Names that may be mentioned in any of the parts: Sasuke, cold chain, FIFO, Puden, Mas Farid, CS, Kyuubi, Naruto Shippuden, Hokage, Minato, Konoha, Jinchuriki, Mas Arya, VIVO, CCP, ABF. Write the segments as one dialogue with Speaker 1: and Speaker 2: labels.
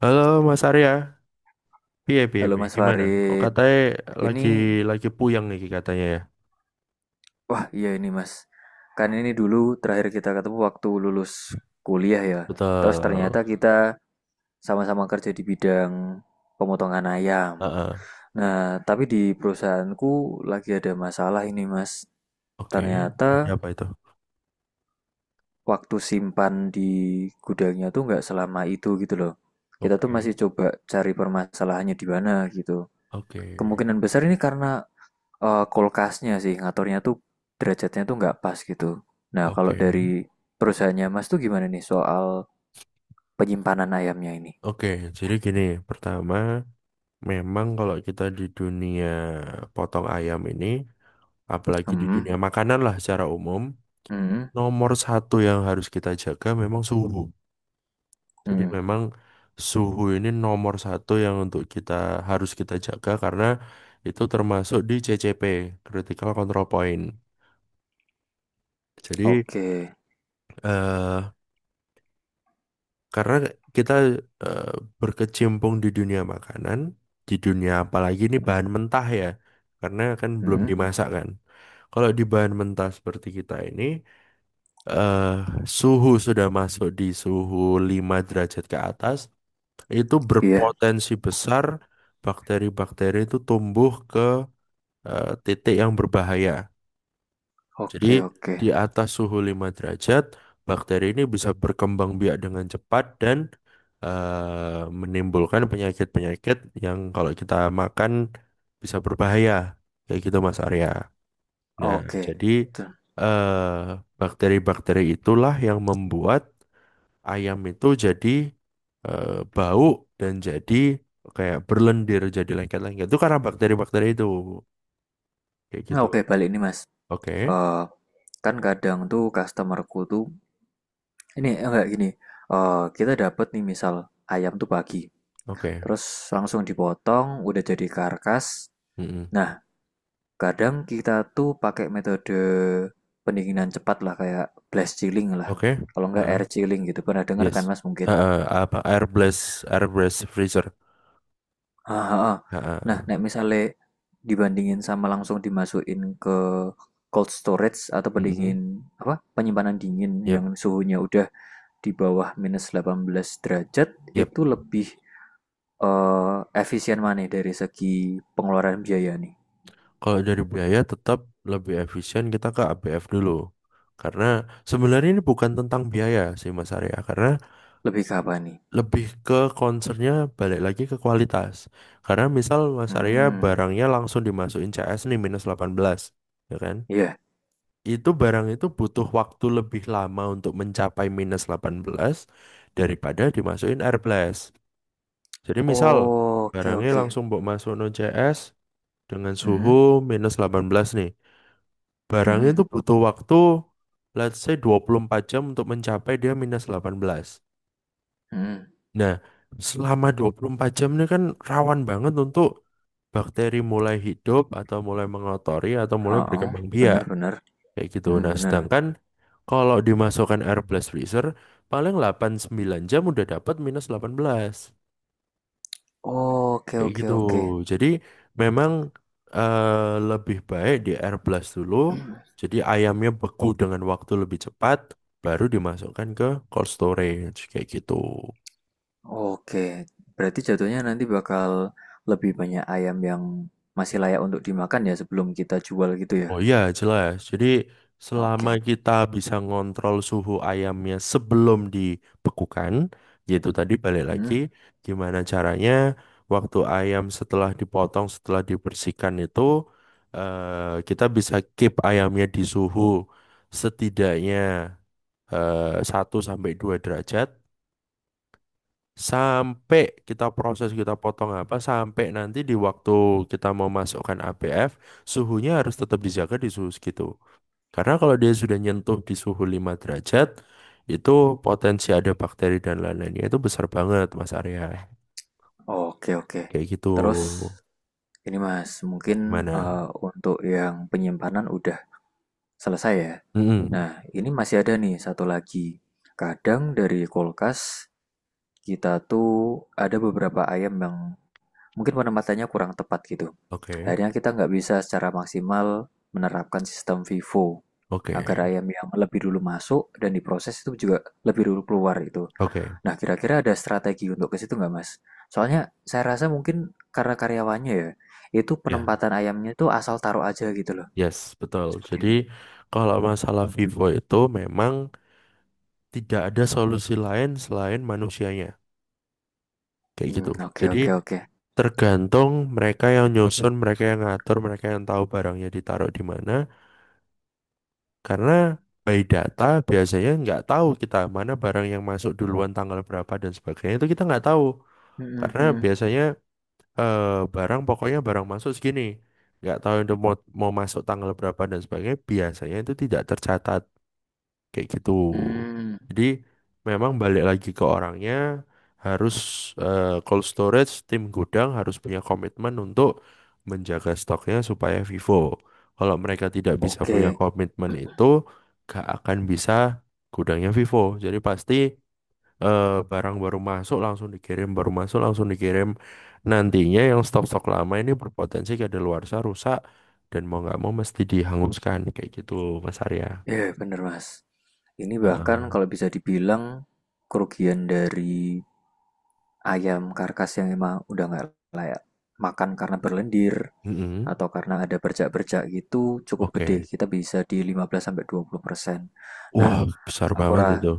Speaker 1: Halo Mas Arya, piye piye
Speaker 2: Halo
Speaker 1: piye,
Speaker 2: Mas
Speaker 1: gimana? Kok
Speaker 2: Farid,
Speaker 1: katanya
Speaker 2: ini
Speaker 1: lagi lagi puyeng nih katanya ya?
Speaker 2: wah iya ini Mas, kan ini dulu terakhir kita ketemu waktu lulus kuliah ya. Terus ternyata
Speaker 1: Betul.
Speaker 2: kita sama-sama kerja di bidang pemotongan ayam.
Speaker 1: Heeh.
Speaker 2: Nah, tapi di perusahaanku lagi ada masalah ini Mas.
Speaker 1: Oke, ada
Speaker 2: Ternyata
Speaker 1: apa itu?
Speaker 2: waktu simpan di gudangnya tuh nggak selama itu gitu loh. Kita tuh masih
Speaker 1: Oke,
Speaker 2: coba cari permasalahannya di mana gitu.
Speaker 1: oke,
Speaker 2: Kemungkinan besar ini karena kulkasnya sih ngaturnya tuh derajatnya tuh nggak pas gitu. Nah, kalau
Speaker 1: oke,
Speaker 2: dari perusahaannya Mas tuh gimana nih soal penyimpanan ayamnya ini?
Speaker 1: oke. Jadi gini, pertama, memang kalau kita di dunia potong ayam ini, apalagi di
Speaker 2: Hmm,
Speaker 1: dunia makanan lah secara umum,
Speaker 2: hmm,
Speaker 1: nomor satu yang harus kita jaga memang suhu. Jadi
Speaker 2: hmm.
Speaker 1: memang suhu ini nomor satu yang untuk kita harus kita jaga karena itu termasuk di CCP Critical Control Point. Jadi
Speaker 2: Oke.
Speaker 1: eh, karena kita eh, berkecimpung di dunia makanan, di dunia apalagi ini bahan mentah ya, karena kan belum
Speaker 2: Hmm,
Speaker 1: dimasak kan. Kalau di bahan mentah seperti kita ini eh, suhu sudah masuk di suhu 5 derajat ke atas, itu
Speaker 2: iya.
Speaker 1: berpotensi besar bakteri-bakteri itu tumbuh ke titik yang berbahaya. Jadi
Speaker 2: Oke, oke.
Speaker 1: di atas suhu 5 derajat, bakteri ini bisa berkembang biak dengan cepat dan menimbulkan penyakit-penyakit yang kalau kita makan bisa berbahaya. Kayak gitu Mas Arya. Nah,
Speaker 2: Oke.
Speaker 1: jadi
Speaker 2: Tuh.
Speaker 1: eh, bakteri-bakteri itulah yang membuat ayam itu jadi eh, bau dan jadi kayak berlendir jadi lengket-lengket itu karena bakteri-bakteri itu kayak
Speaker 2: Nah,
Speaker 1: gitu.
Speaker 2: oke balik nih Mas.
Speaker 1: Oke,
Speaker 2: Eh, kan kadang tuh customerku tuh ini eh, enggak gini. Eh, kita dapat nih misal ayam tuh pagi.
Speaker 1: oke.
Speaker 2: Terus langsung dipotong, udah jadi karkas.
Speaker 1: Mm-mm.
Speaker 2: Nah, kadang kita tuh pakai metode pendinginan cepat lah kayak blast chilling lah.
Speaker 1: Oke.
Speaker 2: Kalau nggak air
Speaker 1: Heeh.
Speaker 2: chilling gitu. Pernah denger kan
Speaker 1: Yes.
Speaker 2: Mas mungkin?
Speaker 1: Heeh, apa air blast freezer.
Speaker 2: Ah, ah, ah. Nah,
Speaker 1: Heeh.
Speaker 2: nek misalnya dibandingin sama langsung dimasukin ke cold storage atau pendingin
Speaker 1: Mm-mm.
Speaker 2: apa? Penyimpanan dingin yang
Speaker 1: Yep,
Speaker 2: suhunya udah di bawah minus 18 derajat
Speaker 1: yep.
Speaker 2: itu lebih eh, efisien mana dari segi pengeluaran biaya nih?
Speaker 1: Kalau dari biaya tetap lebih efisien kita ke ABF dulu. Karena sebenarnya ini bukan tentang biaya sih Mas Arya. Karena
Speaker 2: Lebih ke apa nih?
Speaker 1: lebih ke concernnya balik lagi ke kualitas. Karena misal Mas Arya
Speaker 2: Hmm,
Speaker 1: barangnya langsung dimasukin CS nih minus 18, ya kan?
Speaker 2: iya.
Speaker 1: Itu barang itu butuh waktu lebih lama untuk mencapai minus 18 daripada dimasukin air blast. Jadi misal
Speaker 2: Oke, okay, oke.
Speaker 1: barangnya langsung
Speaker 2: Okay.
Speaker 1: buat masuk no CS dengan suhu
Speaker 2: Hmm.
Speaker 1: minus 18 nih. Barangnya
Speaker 2: Mhm,
Speaker 1: itu butuh waktu let's say 24 jam untuk mencapai dia minus 18.
Speaker 2: mhm,
Speaker 1: Nah, selama 24 jam ini kan rawan banget untuk bakteri mulai hidup atau mulai mengotori atau mulai
Speaker 2: heeh,
Speaker 1: berkembang biak
Speaker 2: bener bener,
Speaker 1: kayak gitu.
Speaker 2: mhm,
Speaker 1: Nah,
Speaker 2: bener.
Speaker 1: sedangkan kalau dimasukkan air blast freezer paling 8-9 jam udah dapat minus 18
Speaker 2: Oke
Speaker 1: kayak
Speaker 2: oke
Speaker 1: gitu.
Speaker 2: oke.
Speaker 1: Jadi memang eh, lebih baik di air blast dulu. Jadi ayamnya beku dengan waktu lebih cepat baru dimasukkan ke cold storage kayak gitu.
Speaker 2: Oke, berarti jatuhnya nanti bakal lebih banyak ayam yang masih layak untuk dimakan ya sebelum kita jual gitu ya.
Speaker 1: Oh iya, jelas. Jadi selama
Speaker 2: Oke.
Speaker 1: kita bisa ngontrol suhu ayamnya sebelum dibekukan, yaitu tadi balik
Speaker 2: Hmm,
Speaker 1: lagi gimana caranya waktu ayam setelah dipotong, setelah dibersihkan itu kita bisa keep ayamnya di suhu setidaknya 1 sampai 2 derajat sampai kita proses kita potong apa sampai nanti di waktu kita mau masukkan ABF suhunya harus tetap dijaga di suhu segitu. Karena kalau dia sudah nyentuh di suhu 5 derajat, itu potensi ada bakteri dan lain-lainnya itu besar banget, Mas Arya.
Speaker 2: oke oke.
Speaker 1: Kayak gitu.
Speaker 2: Terus ini Mas, mungkin
Speaker 1: Gimana?
Speaker 2: untuk yang penyimpanan udah selesai ya.
Speaker 1: Mm-mm.
Speaker 2: Nah, ini masih ada nih satu lagi. Kadang dari kulkas kita tuh ada beberapa ayam yang mungkin penempatannya kurang tepat gitu.
Speaker 1: Oke,
Speaker 2: Akhirnya kita nggak bisa secara maksimal menerapkan sistem FIFO
Speaker 1: oke,
Speaker 2: agar ayam yang lebih dulu masuk dan diproses itu juga lebih dulu keluar itu.
Speaker 1: oke.
Speaker 2: Nah, kira-kira ada strategi untuk ke situ nggak, Mas? Soalnya saya rasa mungkin karena karyawannya ya, itu
Speaker 1: Ya,
Speaker 2: penempatan ayamnya itu asal taruh aja gitu loh.
Speaker 1: yes, betul. Jadi
Speaker 2: Seperti itu.
Speaker 1: kalau masalah Vivo itu memang tidak ada solusi lain selain manusianya. Kayak gitu.
Speaker 2: Hmm, oke
Speaker 1: Jadi
Speaker 2: oke oke.
Speaker 1: tergantung mereka yang nyusun, mereka yang ngatur, mereka yang tahu barangnya ditaruh di mana. Karena by data biasanya nggak tahu kita mana barang yang masuk duluan tanggal berapa dan sebagainya itu kita nggak tahu.
Speaker 2: Hmm, hmm,
Speaker 1: Karena
Speaker 2: hmm.
Speaker 1: biasanya eh, barang pokoknya barang masuk segini. Nggak tahu itu mau masuk tanggal berapa dan sebagainya biasanya itu tidak tercatat kayak gitu.
Speaker 2: Hmm,
Speaker 1: Jadi memang balik lagi ke orangnya harus cold storage tim gudang harus punya komitmen untuk menjaga stoknya supaya vivo. Kalau mereka tidak bisa punya
Speaker 2: oke.
Speaker 1: komitmen itu gak akan bisa gudangnya vivo. Jadi pasti barang baru masuk langsung dikirim, baru masuk langsung dikirim. Nantinya yang stok-stok lama ini berpotensi kedaluarsa rusak dan mau nggak mau mesti dihanguskan kayak gitu Mas Arya.
Speaker 2: Ya, bener, Mas. Ini
Speaker 1: Heeh.
Speaker 2: bahkan kalau bisa dibilang kerugian dari ayam karkas yang emang udah nggak layak makan karena berlendir
Speaker 1: Mm-mm.
Speaker 2: atau karena ada bercak-bercak gitu cukup gede.
Speaker 1: Oke.
Speaker 2: Kita bisa di 15 sampai 20%. Nah,
Speaker 1: Wah, besar
Speaker 2: aku
Speaker 1: banget
Speaker 2: ra
Speaker 1: itu.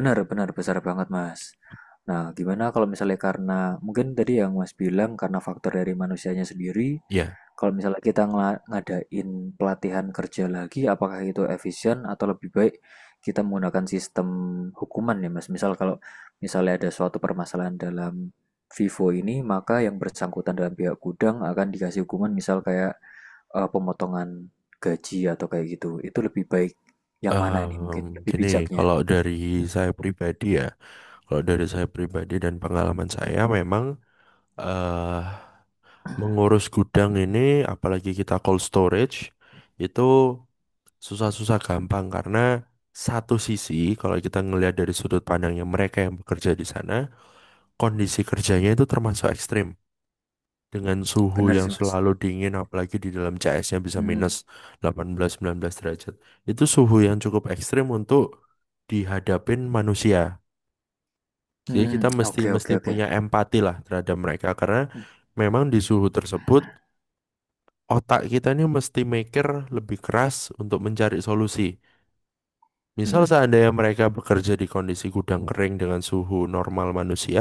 Speaker 2: Benar benar, besar banget, Mas. Nah, gimana kalau misalnya karena mungkin tadi yang Mas bilang karena faktor dari manusianya sendiri,
Speaker 1: Ya,
Speaker 2: kalau misalnya kita ngadain pelatihan kerja lagi, apakah itu efisien atau lebih baik kita menggunakan sistem hukuman ya, Mas? Misalnya ada suatu permasalahan dalam Vivo ini, maka yang bersangkutan dalam pihak gudang akan dikasih hukuman misal kayak pemotongan gaji atau kayak gitu. Itu lebih baik yang mana nih mungkin lebih
Speaker 1: gini,
Speaker 2: bijaknya?
Speaker 1: kalau dari saya pribadi ya, kalau dari saya pribadi dan pengalaman saya memang eh mengurus gudang ini, apalagi kita cold storage, itu susah-susah gampang karena satu sisi, kalau kita ngelihat dari sudut pandangnya mereka yang bekerja di sana, kondisi kerjanya itu termasuk ekstrim. Dengan suhu
Speaker 2: Benar
Speaker 1: yang
Speaker 2: sih, Mas.
Speaker 1: selalu dingin apalagi di dalam CS-nya bisa
Speaker 2: Hmm,
Speaker 1: minus 18-19 derajat, itu suhu yang cukup ekstrim untuk dihadapin manusia.
Speaker 2: hmm,
Speaker 1: Jadi kita
Speaker 2: hmm.
Speaker 1: mesti
Speaker 2: Oke oke
Speaker 1: mesti
Speaker 2: oke.
Speaker 1: punya empati lah terhadap mereka karena
Speaker 2: Hmm,
Speaker 1: memang di suhu tersebut otak kita ini mesti mikir lebih keras untuk mencari solusi. Misal
Speaker 2: hmm.
Speaker 1: seandainya mereka bekerja di kondisi gudang kering dengan suhu normal manusia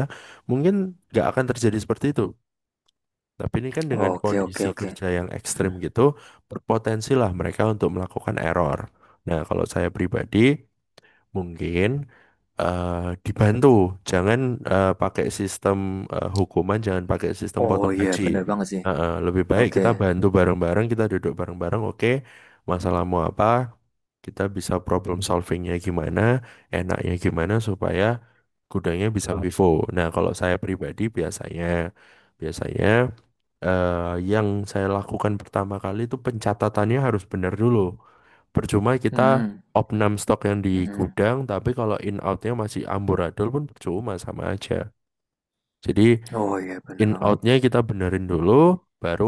Speaker 1: mungkin nggak akan terjadi seperti itu. Tapi ini kan dengan
Speaker 2: Oke oke
Speaker 1: kondisi
Speaker 2: oke.
Speaker 1: kerja yang ekstrim gitu, berpotensi lah mereka untuk melakukan error. Nah, kalau saya pribadi, mungkin eh, dibantu. Jangan pakai sistem hukuman, jangan pakai sistem
Speaker 2: Oh
Speaker 1: potong
Speaker 2: iya
Speaker 1: gaji.
Speaker 2: bener banget sih.
Speaker 1: Lebih baik
Speaker 2: Oke.
Speaker 1: kita bantu bareng-bareng, kita duduk bareng-bareng. Oke, masalahmu apa? Kita bisa problem solvingnya gimana, enaknya gimana supaya gudangnya bisa vivo. Nah, kalau saya pribadi biasanya, biasanya eh, yang saya lakukan pertama kali itu pencatatannya harus benar dulu. Percuma
Speaker 2: Hmm,
Speaker 1: kita
Speaker 2: hmm.
Speaker 1: opnam stok yang di
Speaker 2: Hmm, hmm.
Speaker 1: gudang tapi kalau in outnya masih amburadul pun percuma sama aja. Jadi
Speaker 2: Oh iya bener
Speaker 1: in
Speaker 2: banget.
Speaker 1: outnya kita benerin dulu baru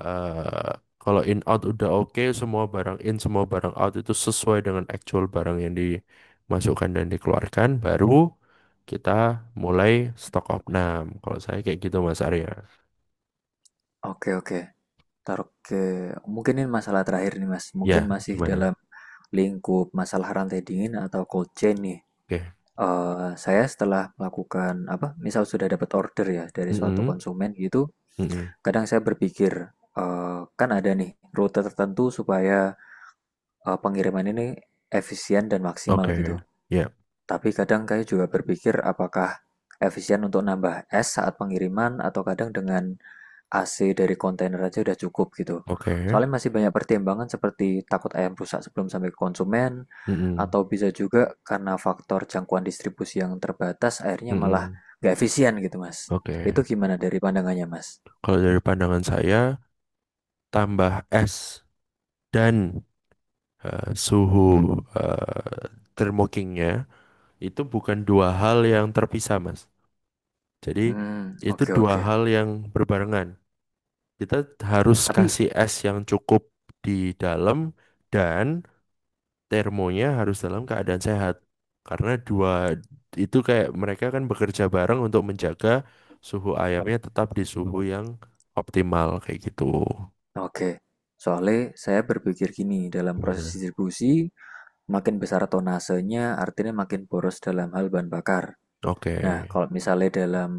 Speaker 1: eh kalau in out udah oke, semua barang in semua barang out itu sesuai dengan actual barang yang dimasukkan dan dikeluarkan, baru kita mulai stok opnam. Kalau saya kayak gitu Mas Arya.
Speaker 2: Oke oke. Taruh ke, mungkin ini masalah terakhir nih Mas, mungkin
Speaker 1: Ya.
Speaker 2: masih
Speaker 1: Gimana?
Speaker 2: dalam lingkup masalah rantai dingin atau cold chain nih.
Speaker 1: Oke.
Speaker 2: Saya setelah melakukan apa, misal sudah dapat order ya dari suatu
Speaker 1: Mm-mm.
Speaker 2: konsumen gitu,
Speaker 1: Mm-mm.
Speaker 2: kadang saya berpikir, kan ada nih rute tertentu supaya, pengiriman ini efisien dan maksimal gitu.
Speaker 1: Oke. Ya.
Speaker 2: Tapi kadang kayak juga berpikir apakah efisien untuk nambah es saat pengiriman atau kadang dengan AC dari kontainer aja udah cukup gitu.
Speaker 1: Oke.
Speaker 2: Soalnya masih banyak pertimbangan seperti takut ayam rusak sebelum sampai ke konsumen,
Speaker 1: Mm-mm.
Speaker 2: atau bisa juga karena faktor jangkauan distribusi yang terbatas akhirnya malah
Speaker 1: Mm-mm.
Speaker 2: nggak efisien gitu mas.
Speaker 1: Oke.
Speaker 2: Itu gimana dari pandangannya mas?
Speaker 1: Kalau dari pandangan saya, tambah es dan suhu eh, termokingnya itu bukan dua hal yang terpisah, Mas. Jadi
Speaker 2: Hmm,
Speaker 1: itu
Speaker 2: oke
Speaker 1: dua
Speaker 2: oke.
Speaker 1: hal yang berbarengan. Kita harus
Speaker 2: Tapi
Speaker 1: kasih es yang cukup di dalam dan termonya harus dalam keadaan sehat. Karena dua itu kayak mereka kan bekerja bareng untuk menjaga suhu ayamnya tetap di suhu yang optimal kayak gitu.
Speaker 2: oke. Soalnya saya berpikir gini, dalam proses
Speaker 1: Gimana?
Speaker 2: distribusi makin besar tonasenya artinya makin boros dalam hal bahan bakar.
Speaker 1: Oke.
Speaker 2: Nah, kalau misalnya dalam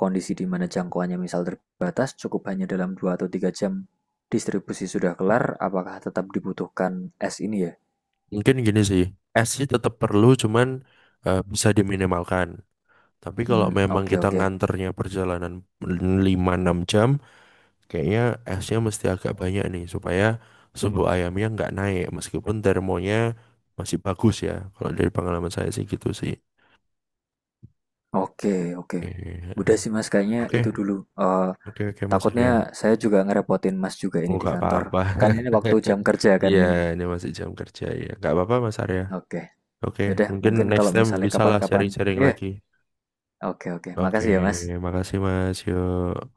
Speaker 2: kondisi di mana jangkauannya misal terbatas, cukup hanya dalam 2 atau 3 jam distribusi sudah kelar, apakah tetap dibutuhkan S ini ya?
Speaker 1: Mungkin gini sih, es sih tetap perlu, cuman bisa diminimalkan. Tapi kalau
Speaker 2: Hmm,
Speaker 1: memang
Speaker 2: oke
Speaker 1: kita
Speaker 2: oke.
Speaker 1: nganternya perjalanan 5-6 jam, kayaknya esnya mesti agak banyak nih, supaya suhu ayamnya nggak naik, meskipun termonya masih bagus ya. Kalau dari pengalaman saya sih gitu sih.
Speaker 2: Oke, oke. Udah
Speaker 1: Oke,
Speaker 2: sih Mas, kayaknya
Speaker 1: oke,
Speaker 2: itu dulu. Eh,
Speaker 1: oke, oke, Mas
Speaker 2: takutnya
Speaker 1: Arya.
Speaker 2: saya juga ngerepotin Mas juga
Speaker 1: Oh,
Speaker 2: ini di
Speaker 1: nggak
Speaker 2: kantor.
Speaker 1: apa-apa.
Speaker 2: Kan ini waktu jam kerja kan
Speaker 1: Iya,
Speaker 2: ini.
Speaker 1: ini masih jam kerja ya. Nggak apa-apa, Mas Arya.
Speaker 2: Oke.
Speaker 1: Oke,
Speaker 2: Yaudah,
Speaker 1: mungkin
Speaker 2: mungkin
Speaker 1: next
Speaker 2: kalau
Speaker 1: time
Speaker 2: misalnya
Speaker 1: bisalah
Speaker 2: kapan-kapan.
Speaker 1: sharing-sharing
Speaker 2: Iya,
Speaker 1: lagi.
Speaker 2: oke oke.
Speaker 1: Oke,
Speaker 2: Makasih ya Mas.
Speaker 1: makasih Mas. Yuk.